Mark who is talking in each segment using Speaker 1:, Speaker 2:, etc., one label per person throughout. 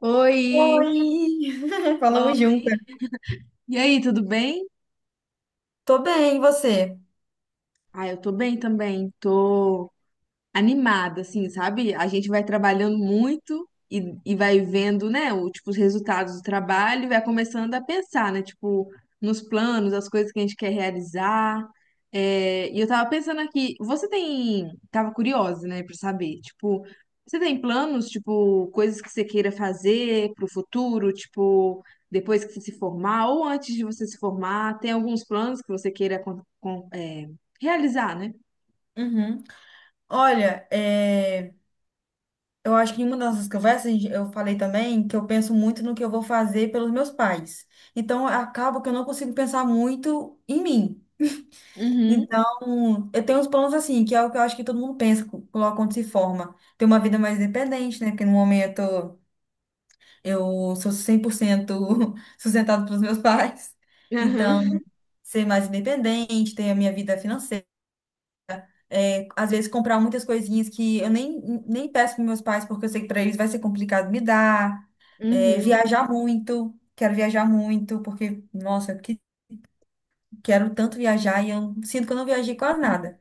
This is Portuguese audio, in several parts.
Speaker 1: Oi,
Speaker 2: Oi!
Speaker 1: Ó,
Speaker 2: Falamos juntas.
Speaker 1: e aí, tudo bem?
Speaker 2: Tô bem, e você?
Speaker 1: Ah, eu tô bem também. Tô animada, assim, sabe? A gente vai trabalhando muito e vai vendo, né, o, tipo, os resultados do trabalho e vai começando a pensar, né, tipo, nos planos, as coisas que a gente quer realizar. É, e eu tava pensando aqui, você tem, tava curiosa, né, pra saber, tipo, você tem planos, tipo, coisas que você queira fazer pro futuro, tipo, depois que você se formar ou antes de você se formar, tem alguns planos que você queira realizar, né?
Speaker 2: Uhum. Olha, eu acho que em uma das nossas conversas eu falei também que eu penso muito no que eu vou fazer pelos meus pais. Então, acaba que eu não consigo pensar muito em mim.
Speaker 1: Uhum.
Speaker 2: Então, eu tenho uns planos assim, que é o que eu acho que todo mundo pensa, coloca quando se forma. Ter uma vida mais independente, né? Porque no momento eu sou 100% sustentado pelos meus pais. Então, ser mais independente, ter a minha vida financeira. Às vezes comprar muitas coisinhas que eu nem peço para meus pais, porque eu sei que para eles vai ser complicado me dar.
Speaker 1: Uhum.
Speaker 2: Viajar muito, quero viajar muito, porque, nossa, quero tanto viajar e eu sinto que eu não viajei quase nada.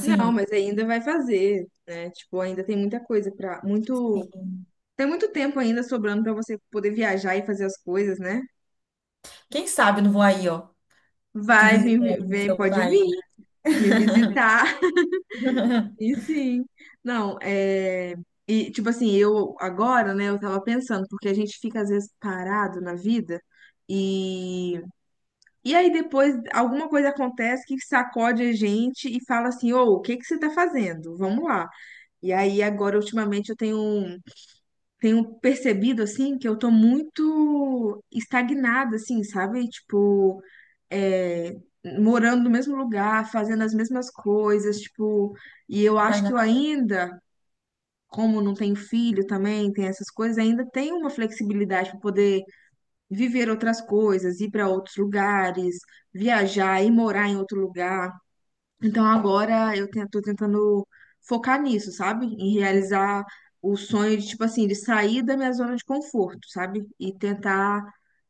Speaker 1: Não, mas ainda vai fazer, né? Tipo, ainda tem muita coisa pra. Muito, tem muito tempo ainda sobrando pra você poder viajar e fazer as coisas, né?
Speaker 2: quem sabe eu não vou aí, ó, te
Speaker 1: Vai,
Speaker 2: visitar aí
Speaker 1: vem,
Speaker 2: no
Speaker 1: vem,
Speaker 2: seu
Speaker 1: pode
Speaker 2: país.
Speaker 1: vir me visitar. E sim. Não, e tipo assim, eu agora, né, eu tava pensando, porque a gente fica às vezes parado na vida e e aí depois alguma coisa acontece que sacode a gente e fala assim: "Ô, o que que você tá fazendo? Vamos lá". E aí, agora, ultimamente, eu tenho percebido assim que eu tô muito estagnada, assim, sabe? Tipo, é, morando no mesmo lugar, fazendo as mesmas coisas, tipo, e eu
Speaker 2: Quase
Speaker 1: acho que eu
Speaker 2: nada.
Speaker 1: ainda, como não tenho filho também, tem essas coisas, ainda tenho uma flexibilidade para poder viver outras coisas, ir para outros lugares, viajar e morar em outro lugar. Então agora eu tô tentando focar nisso, sabe? Em realizar o sonho de, tipo assim, de sair da minha zona de conforto, sabe? E tentar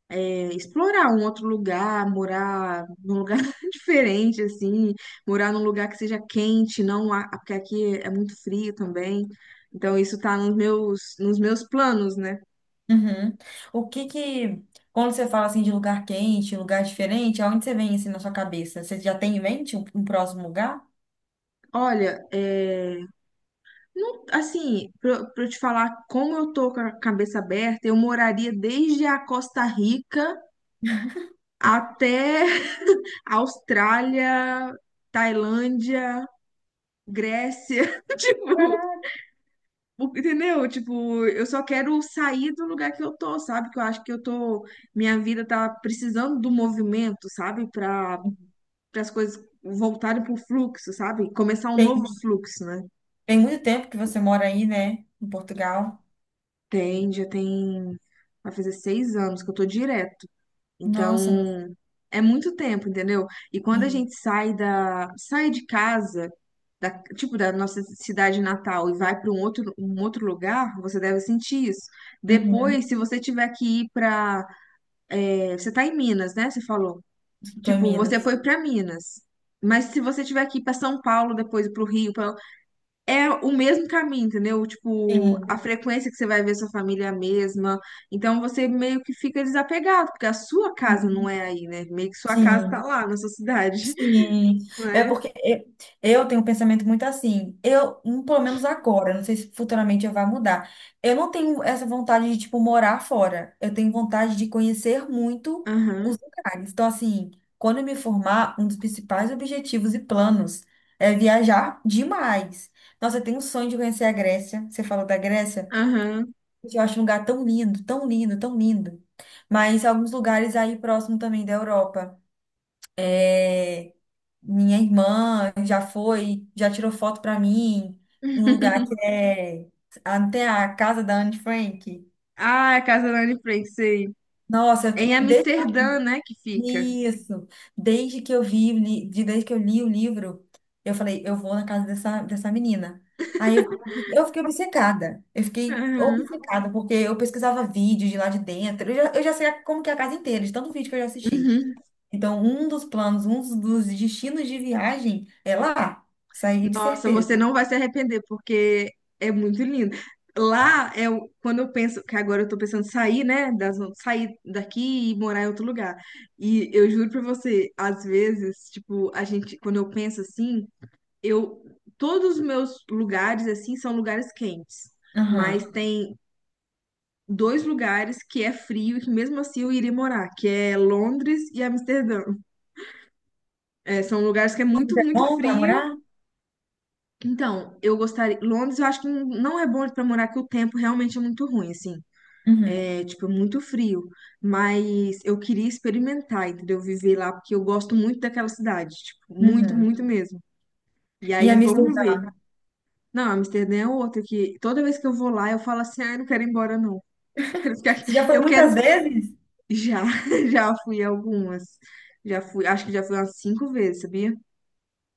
Speaker 1: explorar um outro lugar, morar num lugar diferente, assim, morar num lugar que seja quente, não, porque aqui é muito frio também. Então isso tá nos meus planos, né?
Speaker 2: Uhum. O que que, quando você fala assim de lugar quente, lugar diferente, aonde você vem assim na sua cabeça? Você já tem em mente um próximo lugar?
Speaker 1: Olha, é, assim, pra eu te falar como eu tô com a cabeça aberta, eu moraria desde a Costa Rica até Austrália, Tailândia, Grécia, tipo,
Speaker 2: Caraca.
Speaker 1: entendeu? Tipo, eu só quero sair do lugar que eu tô, sabe? Que eu acho que eu tô, minha vida tá precisando do movimento, sabe? Para as coisas voltarem pro fluxo, sabe? Começar um novo
Speaker 2: Tem
Speaker 1: fluxo, né?
Speaker 2: Tem muito tempo que você mora aí, né? Em Portugal.
Speaker 1: Tem, já tem, vai fazer 6 anos que eu tô direto.
Speaker 2: Nossa,
Speaker 1: Então, é muito tempo, entendeu? E quando a
Speaker 2: sim.
Speaker 1: gente sai sai de casa da, tipo, da nossa cidade natal e vai para um outro lugar, você deve sentir isso.
Speaker 2: Uhum.
Speaker 1: Depois, se você tiver que ir para, você tá em Minas, né? Você falou.
Speaker 2: Tô em
Speaker 1: Tipo, você
Speaker 2: Minas.
Speaker 1: foi para Minas. Mas se você tiver que ir para São Paulo, depois para o Rio, é o mesmo caminho, entendeu? Tipo, a
Speaker 2: Sim.
Speaker 1: frequência que você vai ver sua família é a mesma. Então você meio que fica desapegado, porque a sua casa não
Speaker 2: Uhum.
Speaker 1: é aí, né? Meio que sua casa tá
Speaker 2: Sim.
Speaker 1: lá na sua cidade,
Speaker 2: Sim, é
Speaker 1: né?
Speaker 2: porque eu tenho um pensamento muito assim. Eu, pelo menos agora, não sei se futuramente eu vai mudar. Eu não tenho essa vontade de, tipo, morar fora. Eu tenho vontade de conhecer muito
Speaker 1: Aham,
Speaker 2: os lugares. Então, assim, quando eu me formar, um dos principais objetivos e planos é viajar demais. Nossa, eu tenho um sonho de conhecer a Grécia. Você falou da Grécia?
Speaker 1: aham.
Speaker 2: Eu acho um lugar tão lindo, tão lindo, tão lindo. Mas alguns lugares aí próximo também da Europa. É... Minha irmã já foi, já tirou foto pra mim, um lugar que é até a casa da Anne Frank.
Speaker 1: Ah, é a Casa da Anne Frank, sei.
Speaker 2: Nossa,
Speaker 1: É em
Speaker 2: desde
Speaker 1: Amsterdã, né, que fica.
Speaker 2: isso, desde que eu vi, desde que eu li o livro, eu falei, eu vou na casa dessa menina. Aí eu fiquei obcecada, eu fiquei
Speaker 1: Aham.
Speaker 2: obcecada, porque eu pesquisava vídeos de lá de dentro, eu já sei como que é a casa inteira, de tanto vídeo que eu já assisti.
Speaker 1: Uhum.
Speaker 2: Então, um dos planos, um dos destinos de viagem é lá, isso aí de
Speaker 1: Nossa, você
Speaker 2: certeza.
Speaker 1: não vai se arrepender, porque é muito lindo. Lá é quando eu penso, que agora eu tô pensando em sair, né, sair daqui e morar em outro lugar. E eu juro pra você, às vezes, tipo, a gente, quando eu penso assim, eu todos os meus lugares assim são lugares quentes, mas
Speaker 2: Aham.
Speaker 1: tem dois lugares que é frio e que mesmo assim eu iria morar, que é Londres e Amsterdã. É, são lugares que é muito,
Speaker 2: Londres é
Speaker 1: muito
Speaker 2: bom para
Speaker 1: frio.
Speaker 2: morar?
Speaker 1: Então, eu gostaria. Londres, eu acho que não é bom pra morar, que o tempo realmente é muito ruim, assim.
Speaker 2: Uhum.
Speaker 1: É, tipo, é muito frio. Mas eu queria experimentar, entendeu? Viver lá, porque eu gosto muito daquela cidade. Tipo, muito,
Speaker 2: Uhum.
Speaker 1: muito mesmo. E
Speaker 2: E
Speaker 1: aí, vamos ver.
Speaker 2: Amsterdã?
Speaker 1: Não, Amsterdã é outra que toda vez que eu vou lá, eu falo assim: ah, eu não quero ir embora, não. Quero ficar aqui.
Speaker 2: Você já foi
Speaker 1: Eu
Speaker 2: muitas
Speaker 1: quero.
Speaker 2: vezes?
Speaker 1: Já, já fui algumas. Já fui, acho que já fui umas cinco vezes, sabia?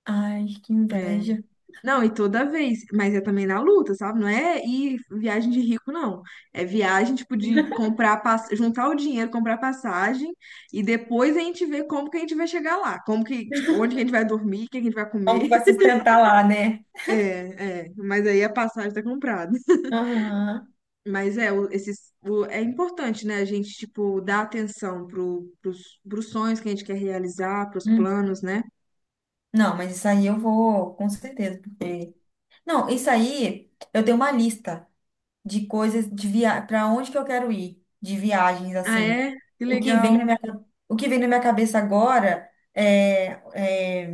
Speaker 2: Ai, que
Speaker 1: É,
Speaker 2: inveja.
Speaker 1: não, e toda vez, mas é também na luta, sabe? Não é ir viagem de rico, não. É viagem, tipo, de comprar, juntar o dinheiro, comprar passagem, e depois a gente vê como que a gente vai chegar lá, como que, tipo, onde que a gente vai dormir, o que a gente vai
Speaker 2: Como que
Speaker 1: comer.
Speaker 2: vai sustentar lá, né?
Speaker 1: É, é, mas aí a passagem tá comprada.
Speaker 2: Aham.
Speaker 1: Mas é, é importante, né? A gente, tipo, dar atenção pros sonhos que a gente quer realizar, pros
Speaker 2: Hum.
Speaker 1: planos, né?
Speaker 2: Não, mas isso aí eu vou, com certeza, porque... Não, isso aí eu tenho uma lista de coisas, para onde que eu quero ir, de viagens,
Speaker 1: Ah,
Speaker 2: assim.
Speaker 1: é? Que
Speaker 2: O que vem na
Speaker 1: legal.
Speaker 2: minha, o que vem na minha cabeça agora é, é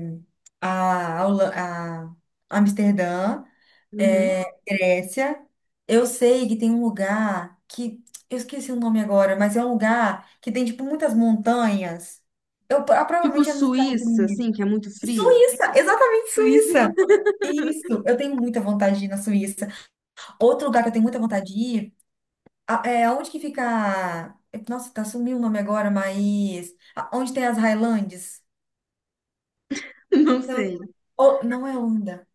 Speaker 2: a, Holan- a Amsterdã,
Speaker 1: Uhum.
Speaker 2: Grécia. Eu sei que tem um lugar que eu esqueci o nome agora, mas é um lugar que tem tipo muitas montanhas. Eu
Speaker 1: Tipo,
Speaker 2: provavelmente é nos Estados
Speaker 1: Suíça,
Speaker 2: Unidos.
Speaker 1: assim, que é muito frio.
Speaker 2: Suíça, exatamente
Speaker 1: Suíça.
Speaker 2: Suíça. Isso, eu tenho muita vontade de ir na Suíça. Outro lugar que eu tenho muita vontade de ir, é onde que fica. Nossa, tá sumiu o nome agora, mas onde tem as Highlands?
Speaker 1: Não
Speaker 2: Eu-
Speaker 1: sei.
Speaker 2: Não é onda.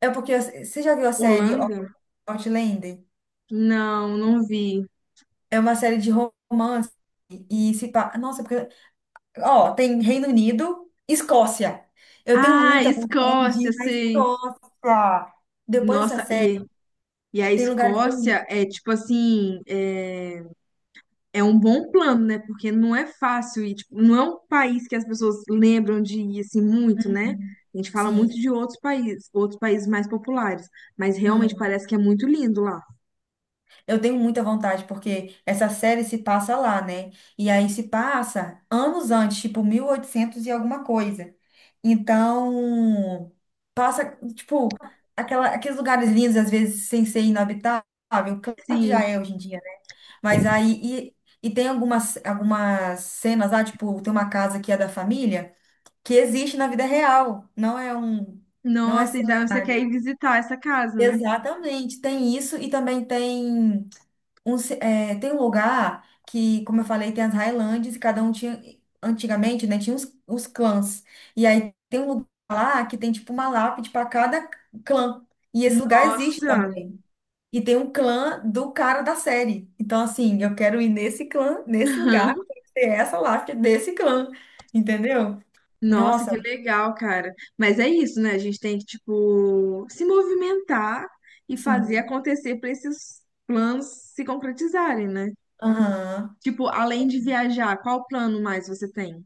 Speaker 2: É porque você já viu a série
Speaker 1: Holanda?
Speaker 2: Outlander?
Speaker 1: Não, não vi.
Speaker 2: É uma série de romance e se pa... Nossa, porque... Ó, tem Reino Unido, Escócia. Eu tenho
Speaker 1: Ah,
Speaker 2: muita vontade de
Speaker 1: Escócia,
Speaker 2: ir na
Speaker 1: sei.
Speaker 2: Escócia. Depois dessa
Speaker 1: Nossa,
Speaker 2: série,
Speaker 1: e a
Speaker 2: tem lugares tão lindos.
Speaker 1: Escócia é tipo assim, é um bom plano, né? Porque não é fácil e tipo, não é um país que as pessoas lembram de ir assim muito, né? A gente fala muito
Speaker 2: Sim.
Speaker 1: de outros países mais populares, mas realmente
Speaker 2: Aham.
Speaker 1: parece que é muito lindo lá.
Speaker 2: Eu tenho muita vontade, porque essa série se passa lá, né? E aí se passa anos antes, tipo 1800 e oitocentos e alguma coisa. Então, passa, tipo, aqueles lugares lindos, às vezes, sem ser inabitável. Claro que já
Speaker 1: Sim.
Speaker 2: é hoje em dia, né? Mas aí, e tem algumas cenas lá, tipo, tem uma casa que é da família, que existe na vida real, não é
Speaker 1: Nossa, então você quer
Speaker 2: cenário.
Speaker 1: ir visitar essa casa, né?
Speaker 2: Exatamente, tem isso e também tem um lugar que, como eu falei, tem as Highlands e cada um tinha, antigamente, né, tinha os clãs. E aí tem um lugar lá que tem, tipo, uma lápide para cada clã. E esse lugar existe
Speaker 1: Nossa.
Speaker 2: também. E tem um clã do cara da série. Então, assim, eu quero ir nesse clã, nesse lugar, ter essa lápide desse clã. Entendeu?
Speaker 1: Nossa, que
Speaker 2: Nossa,
Speaker 1: legal, cara. Mas é isso, né? A gente tem que, tipo, se movimentar e fazer
Speaker 2: assim.
Speaker 1: acontecer para esses planos se concretizarem, né?
Speaker 2: Aham.
Speaker 1: Tipo, além de viajar, qual plano mais você tem?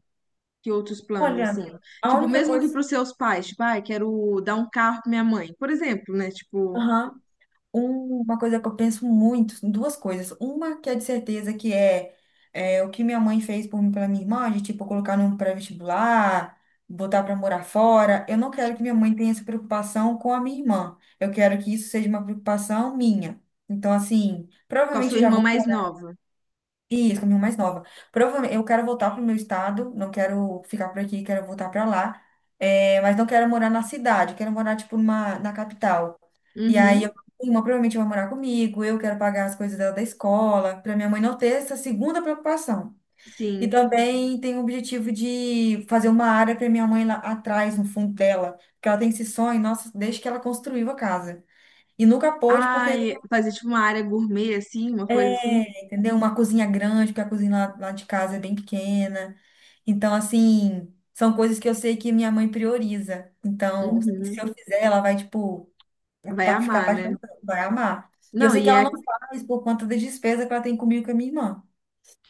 Speaker 1: Que outros planos,
Speaker 2: Olha,
Speaker 1: assim?
Speaker 2: a
Speaker 1: Tipo,
Speaker 2: única
Speaker 1: mesmo que para
Speaker 2: coisa.
Speaker 1: os seus pais, tipo, ai, quero dar um carro para minha mãe, por exemplo, né? Tipo,
Speaker 2: Aham. Uma coisa que eu penso muito, duas coisas. Uma que é de certeza que é, o que minha mãe fez por mim, pela minha irmã, de tipo colocar num pré-vestibular, botar para morar fora. Eu não quero que minha mãe tenha essa preocupação com a minha irmã. Eu quero que isso seja uma preocupação minha. Então, assim,
Speaker 1: com a
Speaker 2: provavelmente
Speaker 1: sua
Speaker 2: eu já
Speaker 1: irmã
Speaker 2: vou
Speaker 1: mais
Speaker 2: morar.
Speaker 1: nova.
Speaker 2: Isso, com a minha irmã mais nova. Provavelmente eu quero voltar para o meu estado, não quero ficar por aqui, quero voltar para lá. É, mas não quero morar na cidade, quero morar, tipo, numa, na capital. E aí
Speaker 1: Uhum,
Speaker 2: minha irmã provavelmente vai morar comigo, eu quero pagar as coisas dela da escola, para minha mãe não ter essa segunda preocupação. E
Speaker 1: sim.
Speaker 2: também tem o objetivo de fazer uma área para minha mãe lá atrás, no fundo dela, porque ela tem esse sonho, nossa, desde que ela construiu a casa. E nunca pôde, porque
Speaker 1: Ai, fazer tipo uma área gourmet, assim, uma coisa assim.
Speaker 2: entendeu? Uma cozinha grande, porque a cozinha lá de casa é bem pequena. Então, assim, são coisas que eu sei que minha mãe prioriza. Então, se
Speaker 1: Uhum.
Speaker 2: eu fizer, ela vai, tipo, Pra
Speaker 1: Vai
Speaker 2: pra ficar
Speaker 1: amar, né?
Speaker 2: apaixonada, vai amar. E eu
Speaker 1: Não,
Speaker 2: sei que ela não faz por conta das despesas que ela tem comigo e com a minha irmã.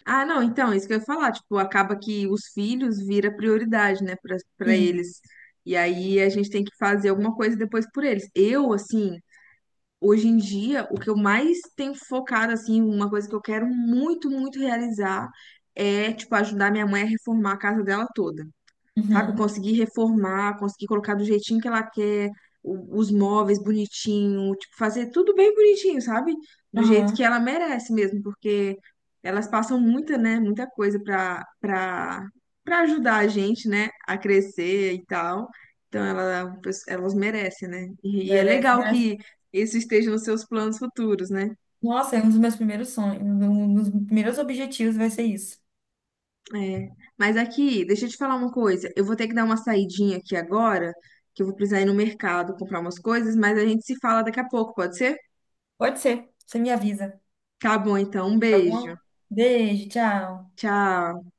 Speaker 1: ah, não, então, isso que eu ia falar, tipo, acaba que os filhos vira prioridade, né, para
Speaker 2: Sim.
Speaker 1: eles. E aí a gente tem que fazer alguma coisa depois por eles. Eu, assim, hoje em dia, o que eu mais tenho focado, assim, uma coisa que eu quero muito, muito realizar é, tipo, ajudar minha mãe a reformar a casa dela toda, sabe?
Speaker 2: Uhum.
Speaker 1: Conseguir reformar, conseguir colocar do jeitinho que ela quer, os móveis bonitinho, tipo, fazer tudo bem bonitinho, sabe? Do jeito que
Speaker 2: Aham.
Speaker 1: ela merece mesmo, porque elas passam muita, né, muita coisa pra ajudar a gente, né, a crescer e tal. Então, ela, elas merecem, né? E é
Speaker 2: Merece,
Speaker 1: legal
Speaker 2: merece.
Speaker 1: que isso esteja nos seus planos futuros, né?
Speaker 2: Nossa, é um dos meus primeiros sonhos, um dos primeiros objetivos vai ser isso.
Speaker 1: É. Mas aqui, deixa eu te falar uma coisa. Eu vou ter que dar uma saidinha aqui agora, que eu vou precisar ir no mercado comprar umas coisas, mas a gente se fala daqui a pouco, pode ser?
Speaker 2: Pode ser, você me avisa,
Speaker 1: Tá bom, então. Um
Speaker 2: tá
Speaker 1: beijo.
Speaker 2: bom? Beijo, tchau.
Speaker 1: Tchau.